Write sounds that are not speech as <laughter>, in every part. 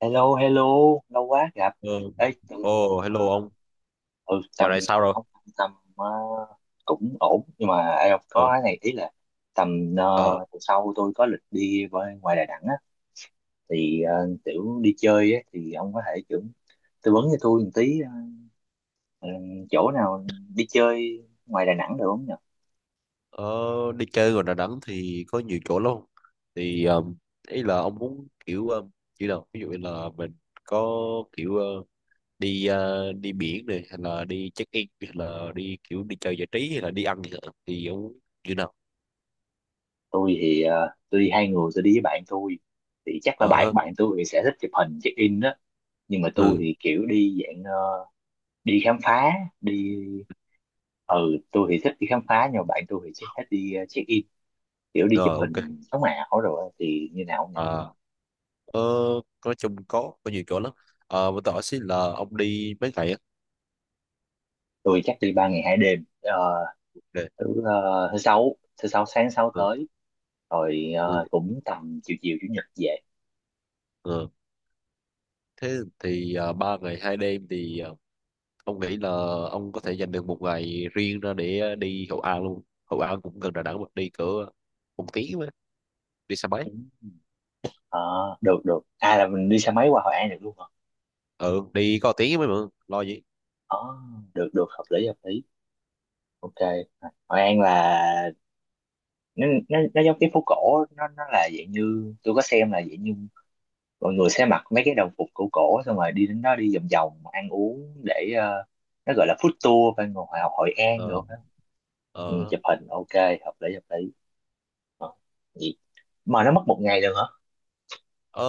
Hello, hello, lâu quá gặp. Ờ. Ê, tầm, Ồ, hello ờ, ông. ừ, Dạo tầm, này sao rồi? không, tầm ờ, cũng ổn, nhưng mà em có Ờ, cái này ý là tầm ờ, ờ, tuần sau tôi có lịch đi với ngoài Đà Nẵng á, thì kiểu đi chơi á, thì ông có thể kiểu tư vấn cho tôi một tí ờ, chỗ nào đi chơi ngoài Đà Nẵng được không nhỉ? ở đi chơi ngoài Đà Nẵng thì có nhiều chỗ lắm. Thì ý là ông muốn kiểu như nào? Ví dụ như là mình có kiểu đi biển này, hay là đi check-in, hay là đi kiểu đi chơi giải trí, hay là đi ăn gì đó. Thì ông muốn như nào? Tôi đi hai người, tôi đi với bạn tôi, thì chắc là Ờ, bạn ha. bạn tôi thì sẽ thích chụp hình check in đó, nhưng mà tôi Ừ, thì kiểu đi dạng đi khám phá đi tôi thì thích đi khám phá nhưng mà bạn tôi thì chỉ thích đi check in kiểu đi chụp rồi ok. hình sống ảo rồi á, thì như nào không nhỉ. À, ờ, nói chung có nhiều chỗ lắm. Mà tôi hỏi xin là ông đi mấy ngày á? Tôi chắc đi ba ngày hai đêm. Ờ, Để- thứ ờ, thứ sáu thứ sáu sáng sáu Ừ, tới rồi, ừ, cũng tầm chiều chiều chủ nhật về. ừ. Thế thì 3 ngày 2 đêm thì ông nghĩ là ông có thể dành được một ngày riêng ra để đi Hội An luôn. Hội An cũng gần Đà Nẵng, mà đi cỡ 1 tiếng, mà đi xe máy. Ừ. Ờ, được được à, là mình đi xe máy qua Hội An được luôn hả. Ừ, đi có tiếng mới mà lo gì. Ờ, được được hợp lý hợp lý, ok. Hội An là nó giống cái phố cổ, nó là dạng như tôi có xem, là dạng như mọi người sẽ mặc mấy cái đồng phục cổ cổ xong rồi đi đến đó đi vòng vòng ăn uống để nó gọi là food tour bên Hòa Học Hội An nữa. Ờ, Ừ, ờ, chụp hình ok, hợp lý hợp lý. Ờ, vậy mà nó mất một ngày được hả. ờ,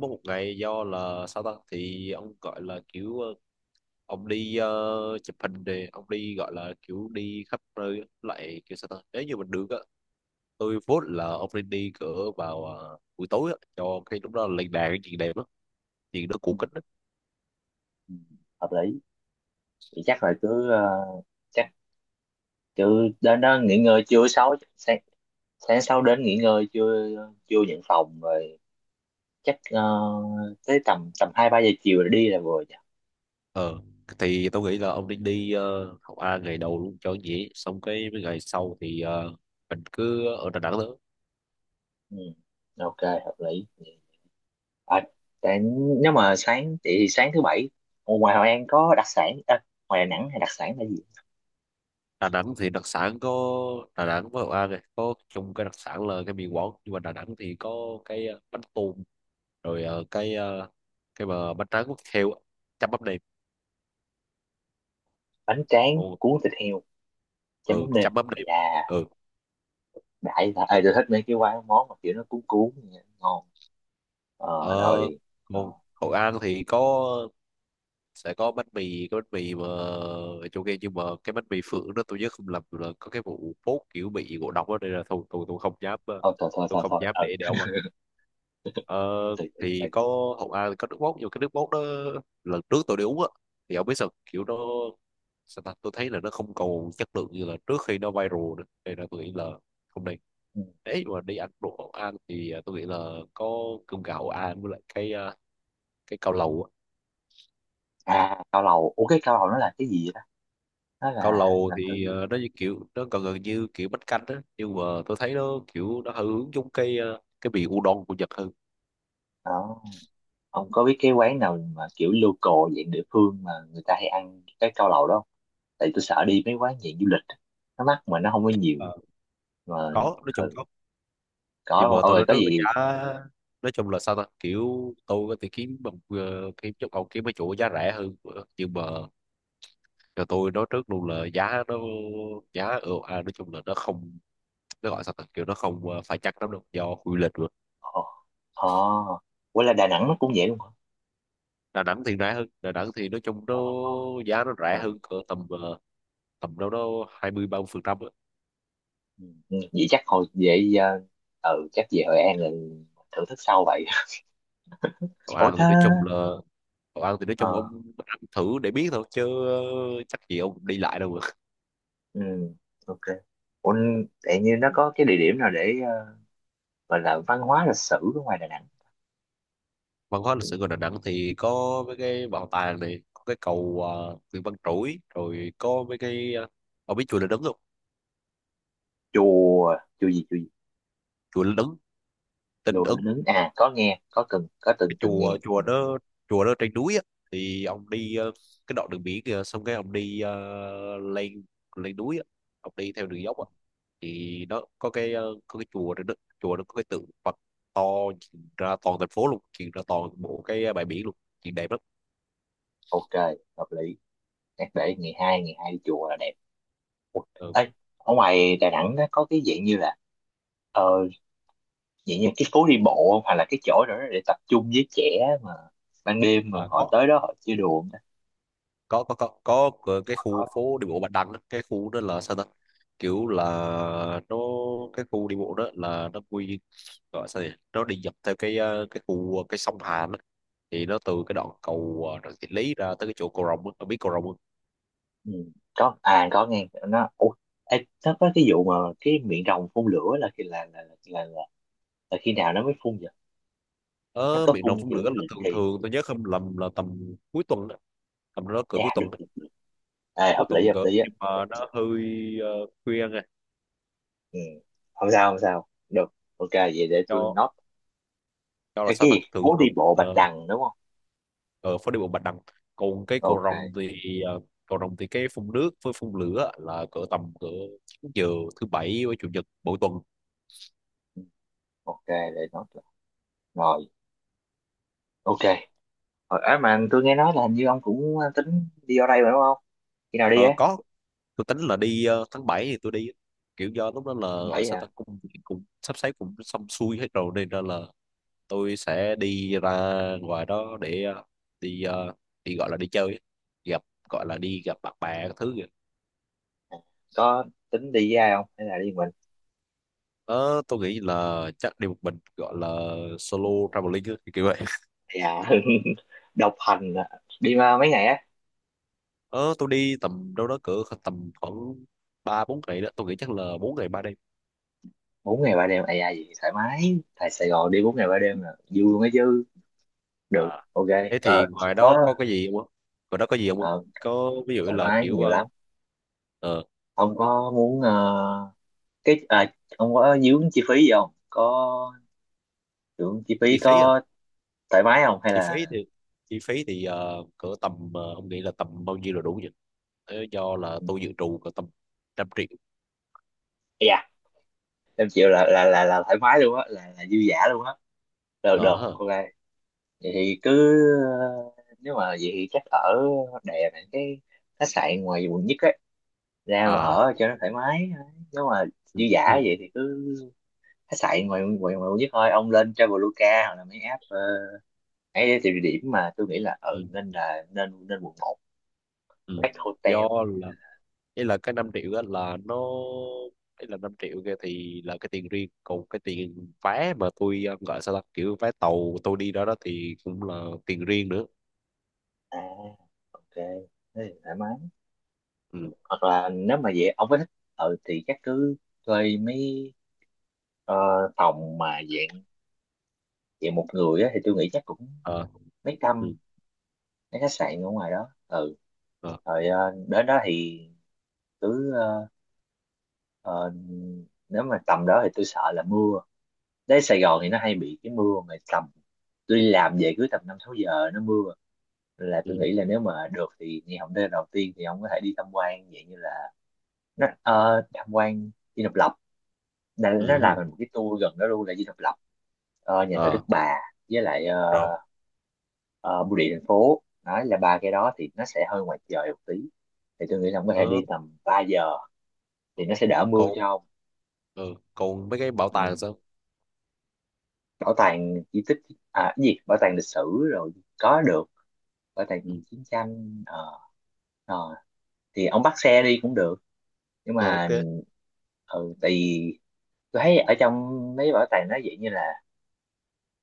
mỗi một ngày do là sao ta, thì ông gọi là kiểu ông đi chụp hình thì ông đi gọi là kiểu đi khắp nơi á. Lại kiểu sao ta, nếu như mình được á, tôi vote là ông nên đi cỡ vào buổi tối á, cho cái lúc đó là lên đèn cái chuyện đẹp lắm, chuyện đó cổ Ừ, kính á. ừ, hợp lý. Vậy chắc là cứ chắc cứ đến đó nghỉ ngơi trưa sáu sáng, sáng sau đến nghỉ ngơi trưa, trưa nhận phòng rồi chắc tới tầm tầm hai ba giờ chiều là đi là vừa nhỉ. Ờ, thì tao nghĩ là ông nên đi học A ngày đầu luôn cho dễ, xong cái mấy ngày sau thì mình cứ ở Đà Nẵng nữa. Ừ, ừ, ok, hợp lý. À, tại nếu mà sáng thì sáng thứ bảy ở ngoài Hội An có đặc sản à, ngoài Đà Nẵng hay đặc sản là gì. Đà Nẵng thì đặc sản có. Đà Nẵng với Hội An này có chung cái đặc sản là cái mì Quảng, nhưng mà Đà Nẵng thì có cái bánh tùm, rồi cái mà bánh tráng quốc heo á, chấm mắm nêm. Bánh tráng Ừ, cuốn thịt heo chấm ừ mắm nêm. chấm mắm Đây nêm. Ừ. đại là à, tôi thích mấy cái quán món mà kiểu nó cuốn cuốn vậy, ngon. ờ, Rồi ờ, còn Hội An thì có, sẽ có bánh mì, cái bánh mì mà ở chỗ kia, nhưng mà cái bánh mì phượng đó tôi nhớ không lầm là có cái vụ phốt kiểu bị ngộ độc đó. Đây là tôi không dám, thôi thôi thôi tôi thôi không thôi, dám ừ, để ông ăn. ờ, từ từ từ. thì có, hậu A thì có nước mốt, nhưng mà cái nước mốt đó lần trước tôi đi uống á, thì ông biết sao, kiểu nó sao ta, tôi thấy là nó không còn chất lượng như là trước khi nó viral nữa, nên là tôi nghĩ là không nên. Ừ. Ấy mà đi ăn đồ hậu A thì tôi nghĩ là có cơm gạo hậu A, với lại cái cao lầu á. À, cao lầu, ủa cái cao lầu nó là cái gì vậy đó, nó Cao là lầu làm từ thì gì nó như kiểu nó gần gần như kiểu bánh canh á, nhưng mà tôi thấy nó kiểu nó hơi hướng giống cái vị udon của Nhật hơn. đó. Ông có biết cái quán nào mà kiểu local dạng địa phương mà người ta hay ăn cái cao lầu đó không? Tại tôi sợ đi mấy quán dạng du lịch á, nó mắc mà nó không có nhiều Ờ, mà. có nói chung Ừ, có. có Nhưng đúng, mà tôi ôi nói có trước là gì. giá, nói chung là sao ta, kiểu tôi có thể kiếm bằng kiếm chỗ, còn kiếm mấy chỗ giá rẻ hơn, nhưng mà cho tôi nói trước luôn là giá nó, giá ở à, nói chung là nó không, nó gọi sao ta, kiểu nó không phải chắc lắm đâu do quy lịch rồi. Ồ, oh, quên là Đà Nẵng nó cũng vậy luôn hả. Đà Nẵng thì rẻ hơn. Đà Nẵng thì nói chung nó Đó nó. giá nó rẻ Ờ, hơn cỡ tầm tầm đâu đó 20-30%. ừ. Ừ, vậy chắc hồi vậy, uh, ừ chắc về Hội An rồi thưởng thức sau vậy. <laughs> Cậu Ủa ăn thì đó. nói chung là, cậu ăn thì nói chung ờ ông ăn thử để biết thôi chứ, chắc gì ông đi lại đâu mà <laughs> ừ, ok. Ủa, tự nhiên nó có cái địa điểm nào để gọi là văn hóa lịch sử ở ngoài Đà Nẵng. văn hóa lịch sử của Đà Nẵng thì có mấy cái bảo tàng này, có cái cầu Nguyễn Văn Trỗi, rồi có mấy cái. Ờ, ông biết chùa Linh Ứng không? Chùa chùa gì chùa gì Chùa Linh Ứng. Tinh Chùa Núi Ứng. Nứng à, có nghe, có từng cái từng nghe. chùa Ừ, chùa đó chùa đó trên núi á, thì ông đi cái đoạn đường biển kìa, xong cái ông đi lên lên núi á, ông đi theo đường dốc á, thì nó có cái chùa đó, đó chùa nó có cái tượng Phật to, nhìn ra toàn thành phố luôn, nhìn ra toàn bộ cái ờ, bãi biển luôn, nhìn đẹp lắm. ok, hợp lý. Chắc để ngày hai, ngày hai đi chùa là đẹp. Ừ. Ê, ở ngoài Đà Nẵng nó có cái dạng như là ờ, dạng như cái phố đi bộ không? Hoặc là cái chỗ đó để tập trung với trẻ mà ban đêm mà À, họ có tới đó họ chơi đùa không ta? có có có có cái khu Có. phố đi bộ Bạch Đằng á. Cái khu đó là sao ta, kiểu là nó, cái khu đi bộ đó là nó quy, gọi sao nhỉ, nó đi dọc theo cái ờ, cái khu ờ, cái sông Hàn á, thì nó từ cái đoạn cầu Trần Thị Lý ra tới cái chỗ cầu Rồng á. Ông biết cầu Rồng không? Ừ. Có à, có nghe nó. Ủa, ê, nó có cái vụ mà cái miệng rồng phun lửa là khi là khi nào nó mới phun vậy? Nó Ở có miền Đông phun phun kiểu lửa là định thường kỳ. thường tôi nhớ không lầm là tầm cuối tuần á. Tầm đó cỡ cuối À, được tuần á. được được. À, Cuối tuần hợp cỡ, lý á. nhưng mà nó hơi ờ, khuya nghe. Ừ. Không sao, không sao được. Ok, vậy để tôi cho note. cho là Ê, sao cái ta, gì, thường phố đi thường. bộ Bạch ờ, Đằng đúng không. ở phố đi bộ Bạch Đằng. Còn cái cầu Ok. Rồng thì ờ, cầu Rồng thì cái phun nước với phun lửa là cỡ tầm cỡ 9 giờ, thứ bảy với chủ nhật mỗi tuần. Ừ, ok để note. Rồi, ok. Rồi, à, mà tôi nghe nói là hình như ông cũng tính đi ở đây mà đúng không? Khi nào đi Ờ, á? có tôi tính là đi tháng 7 thì tôi đi, kiểu do lúc đó là ở Bảy sao ta hả? cũng cũng sắp xếp cũng xong xuôi hết rồi, nên ra là tôi sẽ đi ra ngoài đó để đi đi gọi là đi chơi ấy. gặp Gọi là đi gặp bạn bè các thứ kìa. À, có tính đi với ai không? Hay là đi mình? Ờ, tôi nghĩ là chắc đi một mình, gọi là solo traveling ấy, kiểu vậy. Dạ, <laughs> độc hành à. Đi mà mấy ngày á? Ờ, tôi đi tầm đâu đó cỡ tầm khoảng 3-4 ngày đó, tôi nghĩ chắc là 4 ngày 3 đêm. Bốn ngày ba đêm, ai ai gì thoải mái. Tại Sài Gòn đi bốn ngày ba đêm là vui luôn á chứ. Được, À, ok. thế Ờ, thì ngoài đó có có cái gì không ạ? Ngoài đó có gì không ạ? ờ, Có, ví dụ thoải là mái kiểu nhiều lắm. ờ, Ông có muốn cái à, ông có dướng chi phí gì không? Có dướng chi chi phí phí à, có thoải mái không? Hay chi là? phí thì chi phí thì cỡ tầm, ông nghĩ là tầm bao nhiêu là đủ nhỉ? Thế do là tôi dự trù cỡ tầm 100 triệu. Dạ. Em chịu, là thoải mái luôn á, là dư dả luôn á, được được, Ờ ha. ok vậy. Thì cứ nếu mà vậy thì chắc ở đè này cái khách sạn ngoài quận nhất ấy ra mà À. ở cho nó thoải mái. Nếu mà Ừ, dư dả ừ, vậy thì cứ khách sạn ngoài ngoài, ngoài quận nhất thôi, ông lên Traveloka hoặc là mấy app ấy thì địa điểm mà tôi nghĩ là ừ, ừ nên là nên nên quận một, ừ. Black Hotel, Do là ý là cái 5 triệu á là nó, ý là 5 triệu kia thì là cái tiền riêng, còn cái tiền vé mà tôi gọi sao ta, kiểu vé tàu tôi đi đó đó thì cũng là tiền riêng nữa. à ok. Thế thì thoải mái. Ừ. Hoặc là nếu mà vậy ông có thích, ừ thì chắc cứ thuê mấy Ờ, phòng mà dạng dạng một người á, thì tôi nghĩ chắc cũng ờ mấy trăm ừ. mấy khách sạn ở ngoài đó, ừ. ờ Rồi đến đó thì cứ ờ, nếu mà tầm đó thì tôi sợ là mưa, đến Sài Gòn thì nó hay bị cái mưa mà tầm, tôi đi làm về cứ tầm năm sáu giờ nó mưa, là ừ, tôi nghĩ là nếu mà được thì ngày hôm nay đầu tiên thì ông có thể đi tham quan dạng như là nó tham quan Dinh Độc Lập, ừ, nó ừ. làm thành một cái tour gần đó luôn là Dinh Độc Lập, nhà thờ ờ Đức Bà với lại Rồi, ờ, bưu điện thành phố, đấy là ba cái đó thì nó sẽ hơi ngoài trời một tí, thì tôi nghĩ là ông có thể ờ đi tầm 3 giờ thì ok. nó sẽ đỡ mưa còn cho ông. ờ, còn mấy cái bảo tàng Ừ. sao? Bảo tàng di tích, à cái gì bảo tàng lịch sử, rồi có được, bảo tàng Ừ. chiến tranh. Ờ Ờ, thì ông bắt xe đi cũng được nhưng ờ ok. mà, ừ, tại vì tôi thấy ở trong mấy bảo tàng nó vậy như là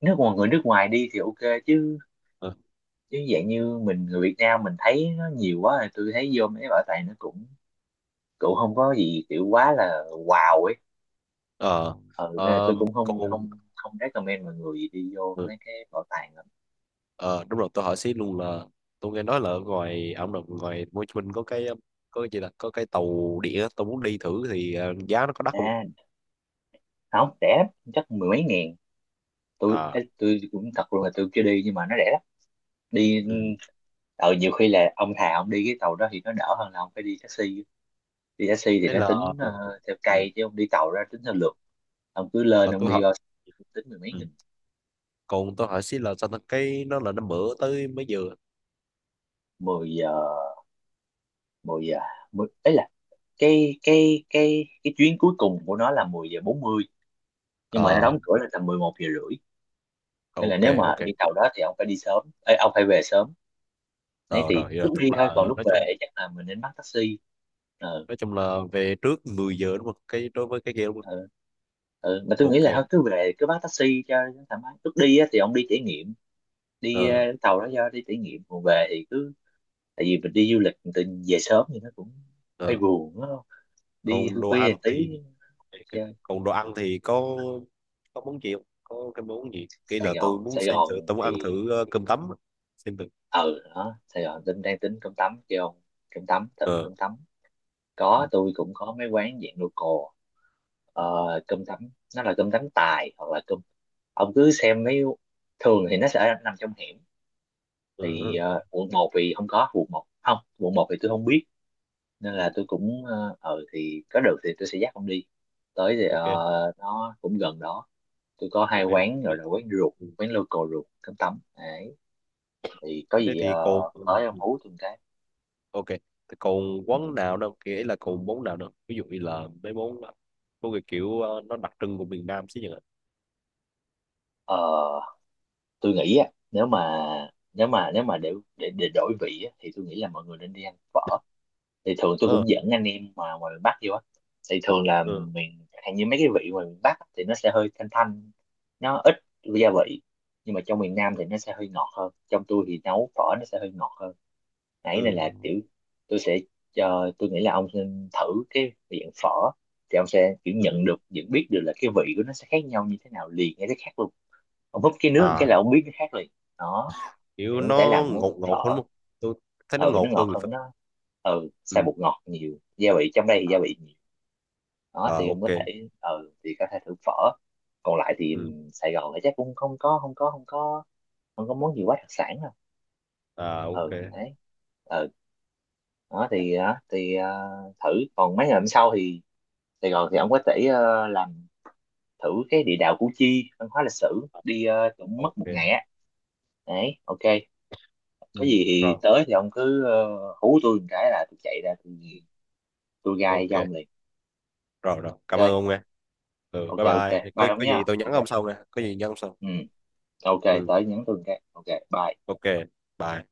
nước ngoài, người nước ngoài đi thì ok chứ, ờ chứ dạng như mình người Việt Nam mình thấy nó nhiều quá thì tôi thấy vô mấy bảo tàng nó cũng, cậu không có gì kiểu quá là wow ấy, ờ ừ nên là ờ, tôi cũng không còn không không recommend mọi người đi vô ờ mấy cái bảo tàng lắm. ờ, đúng rồi tôi hỏi xí luôn là tôi nghe nói là ở ngoài ông đồng, ngoài Hồ Chí Minh có cái gì là có cái tàu điện á, tôi muốn đi thử thì giá nó có đắt không? À, không rẻ lắm, chắc mười mấy ngàn. Tôi À. ê, tôi cũng thật luôn là tôi chưa đi nhưng mà nó rẻ lắm. Đi Ừ. Nhiều khi là ông thà ông đi cái tàu đó thì nó đỡ hơn là ông phải đi taxi, đi taxi thì Ấy nó là, ờ, tính theo ừ. cây chứ ông đi tàu ra tính theo lượt, ông cứ lên Ờ, ông tôi đi hỏi. bao, tính mười mấy Ừ. nghìn. Còn tôi hỏi xí là sao ta, cái nó là nó mở tới mấy giờ? Mười giờ, mười giờ, mười ấy là cái chuyến cuối cùng của nó là mười giờ bốn mươi, nhưng mà nó À, đóng cửa là tầm 11 giờ rưỡi, nên là ok, nếu mà ok. đi tàu đó thì ông phải đi sớm. Ê, ông phải về sớm, đấy Rồi thì rồi hiểu rồi, lúc tức đi là thôi còn lúc về chắc là mình nên bắt taxi. ờ nói chung là về trước 10 giờ đúng không, cái đối với cái game đúng không? ờ ừ. Mà tôi nghĩ là thôi Ok. cứ về cứ bắt taxi cho nó thoải mái, lúc đi á, thì ông đi trải nghiệm đi ờ tàu đó do đi trải nghiệm, còn về thì cứ, tại vì mình đi du lịch mình tự nhiên về sớm thì nó cũng hơi ờ buồn đúng không, đi còn khuya đồ khuya ăn một tí thì ok. chơi. Còn đồ ăn thì có món gì không, có cái món gì cái Sài là Gòn, tôi muốn Sài xem Gòn thử, tôi muốn ăn thì, thử cơm tấm á. Xem thử. ừ đó Sài Gòn tính, đang tính cơm tấm kêu ông, cơm tấm, thử ờ cơm tấm. ừ. Có, tôi cũng có mấy quán dạng local, ờ, Ừ, cơm tấm, nó là cơm tấm tài hoặc là cơm, ông cứ xem mấy, thường thì nó sẽ nằm trong hẻm, ừ, thì ừ. Quận một thì không có quận một, không quận một thì tôi không biết nên Ừ. là tôi cũng ờ thì có được thì tôi sẽ dắt ông đi tới, thì Ok, nó cũng gần đó, tôi có hai ok quán gọi thế. là quán ruột, Ừ. quán local ruột cơm tấm đấy, thì có Thế gì thì còn, ừ, tới ông ừ. hú tôi một cái. Ok. Thế còn Ừ. quán nào đâu kể là, còn món nào đâu ví dụ như là mấy món món cái kiểu nó đặc trưng của miền Nam chứ nhỉ? Ờ, tôi nghĩ á, nếu mà để đổi vị á, thì tôi nghĩ là mọi người nên đi ăn phở, thì thường tôi ờ cũng dẫn anh em mà ngoài miền Bắc vô á, thì thường là ừ, miền hạn như mấy cái vị ngoài miền Bắc á, thì nó sẽ hơi thanh thanh, nó ít gia vị, nhưng mà trong miền Nam thì nó sẽ hơi ngọt hơn, trong tôi thì nấu phở nó sẽ hơi ngọt hơn, nãy ừ. này là kiểu tôi sẽ, cho tôi nghĩ là ông nên thử cái miệng phở, thì ông sẽ kiểu Ừ. nhận được, nhận biết được là cái vị của nó sẽ khác nhau như thế nào liền, hay cái khác luôn, ông húp cái nước một cái À, là ông biết nó khác liền. Đó thì kiểu cũng có thể nó làm món ngột phở. ngột hơn không? Tôi thấy nó Ừ nó ngột ngọt hơn thì hơn, phải. nó ừ xài Ừ. bột ngọt nhiều gia vị, trong đây thì gia vị nhiều. Đó thì À, em có ok. thể ừ thì có thể thử phở. Còn lại thì Ừ. Sài Gòn thì chắc cũng không có món gì quá đặc sản đâu. À, ok, Ừ đấy, ừ, đó thì thử. Còn mấy ngày hôm sau thì Sài Gòn thì ông có thể làm thử cái địa đạo Củ Chi văn hóa lịch sử đi, cũng mất một ngày ok. á. Đấy, ok. Ừ. Có gì thì Rồi, tới thì ông cứ hú tôi một cái là tôi chạy ra tôi gai ok. cho ông liền. Rồi rồi cảm ơn Ok, ông nghe. Ừ, ok, bye ok, bye, có bye ông có nhá. gì tôi nhắn Ok, ông sau nghe, có gì nhắn ông sau. ừ, ok Ừ. tới nhắn tôi cái, ok, bye. Ok bye.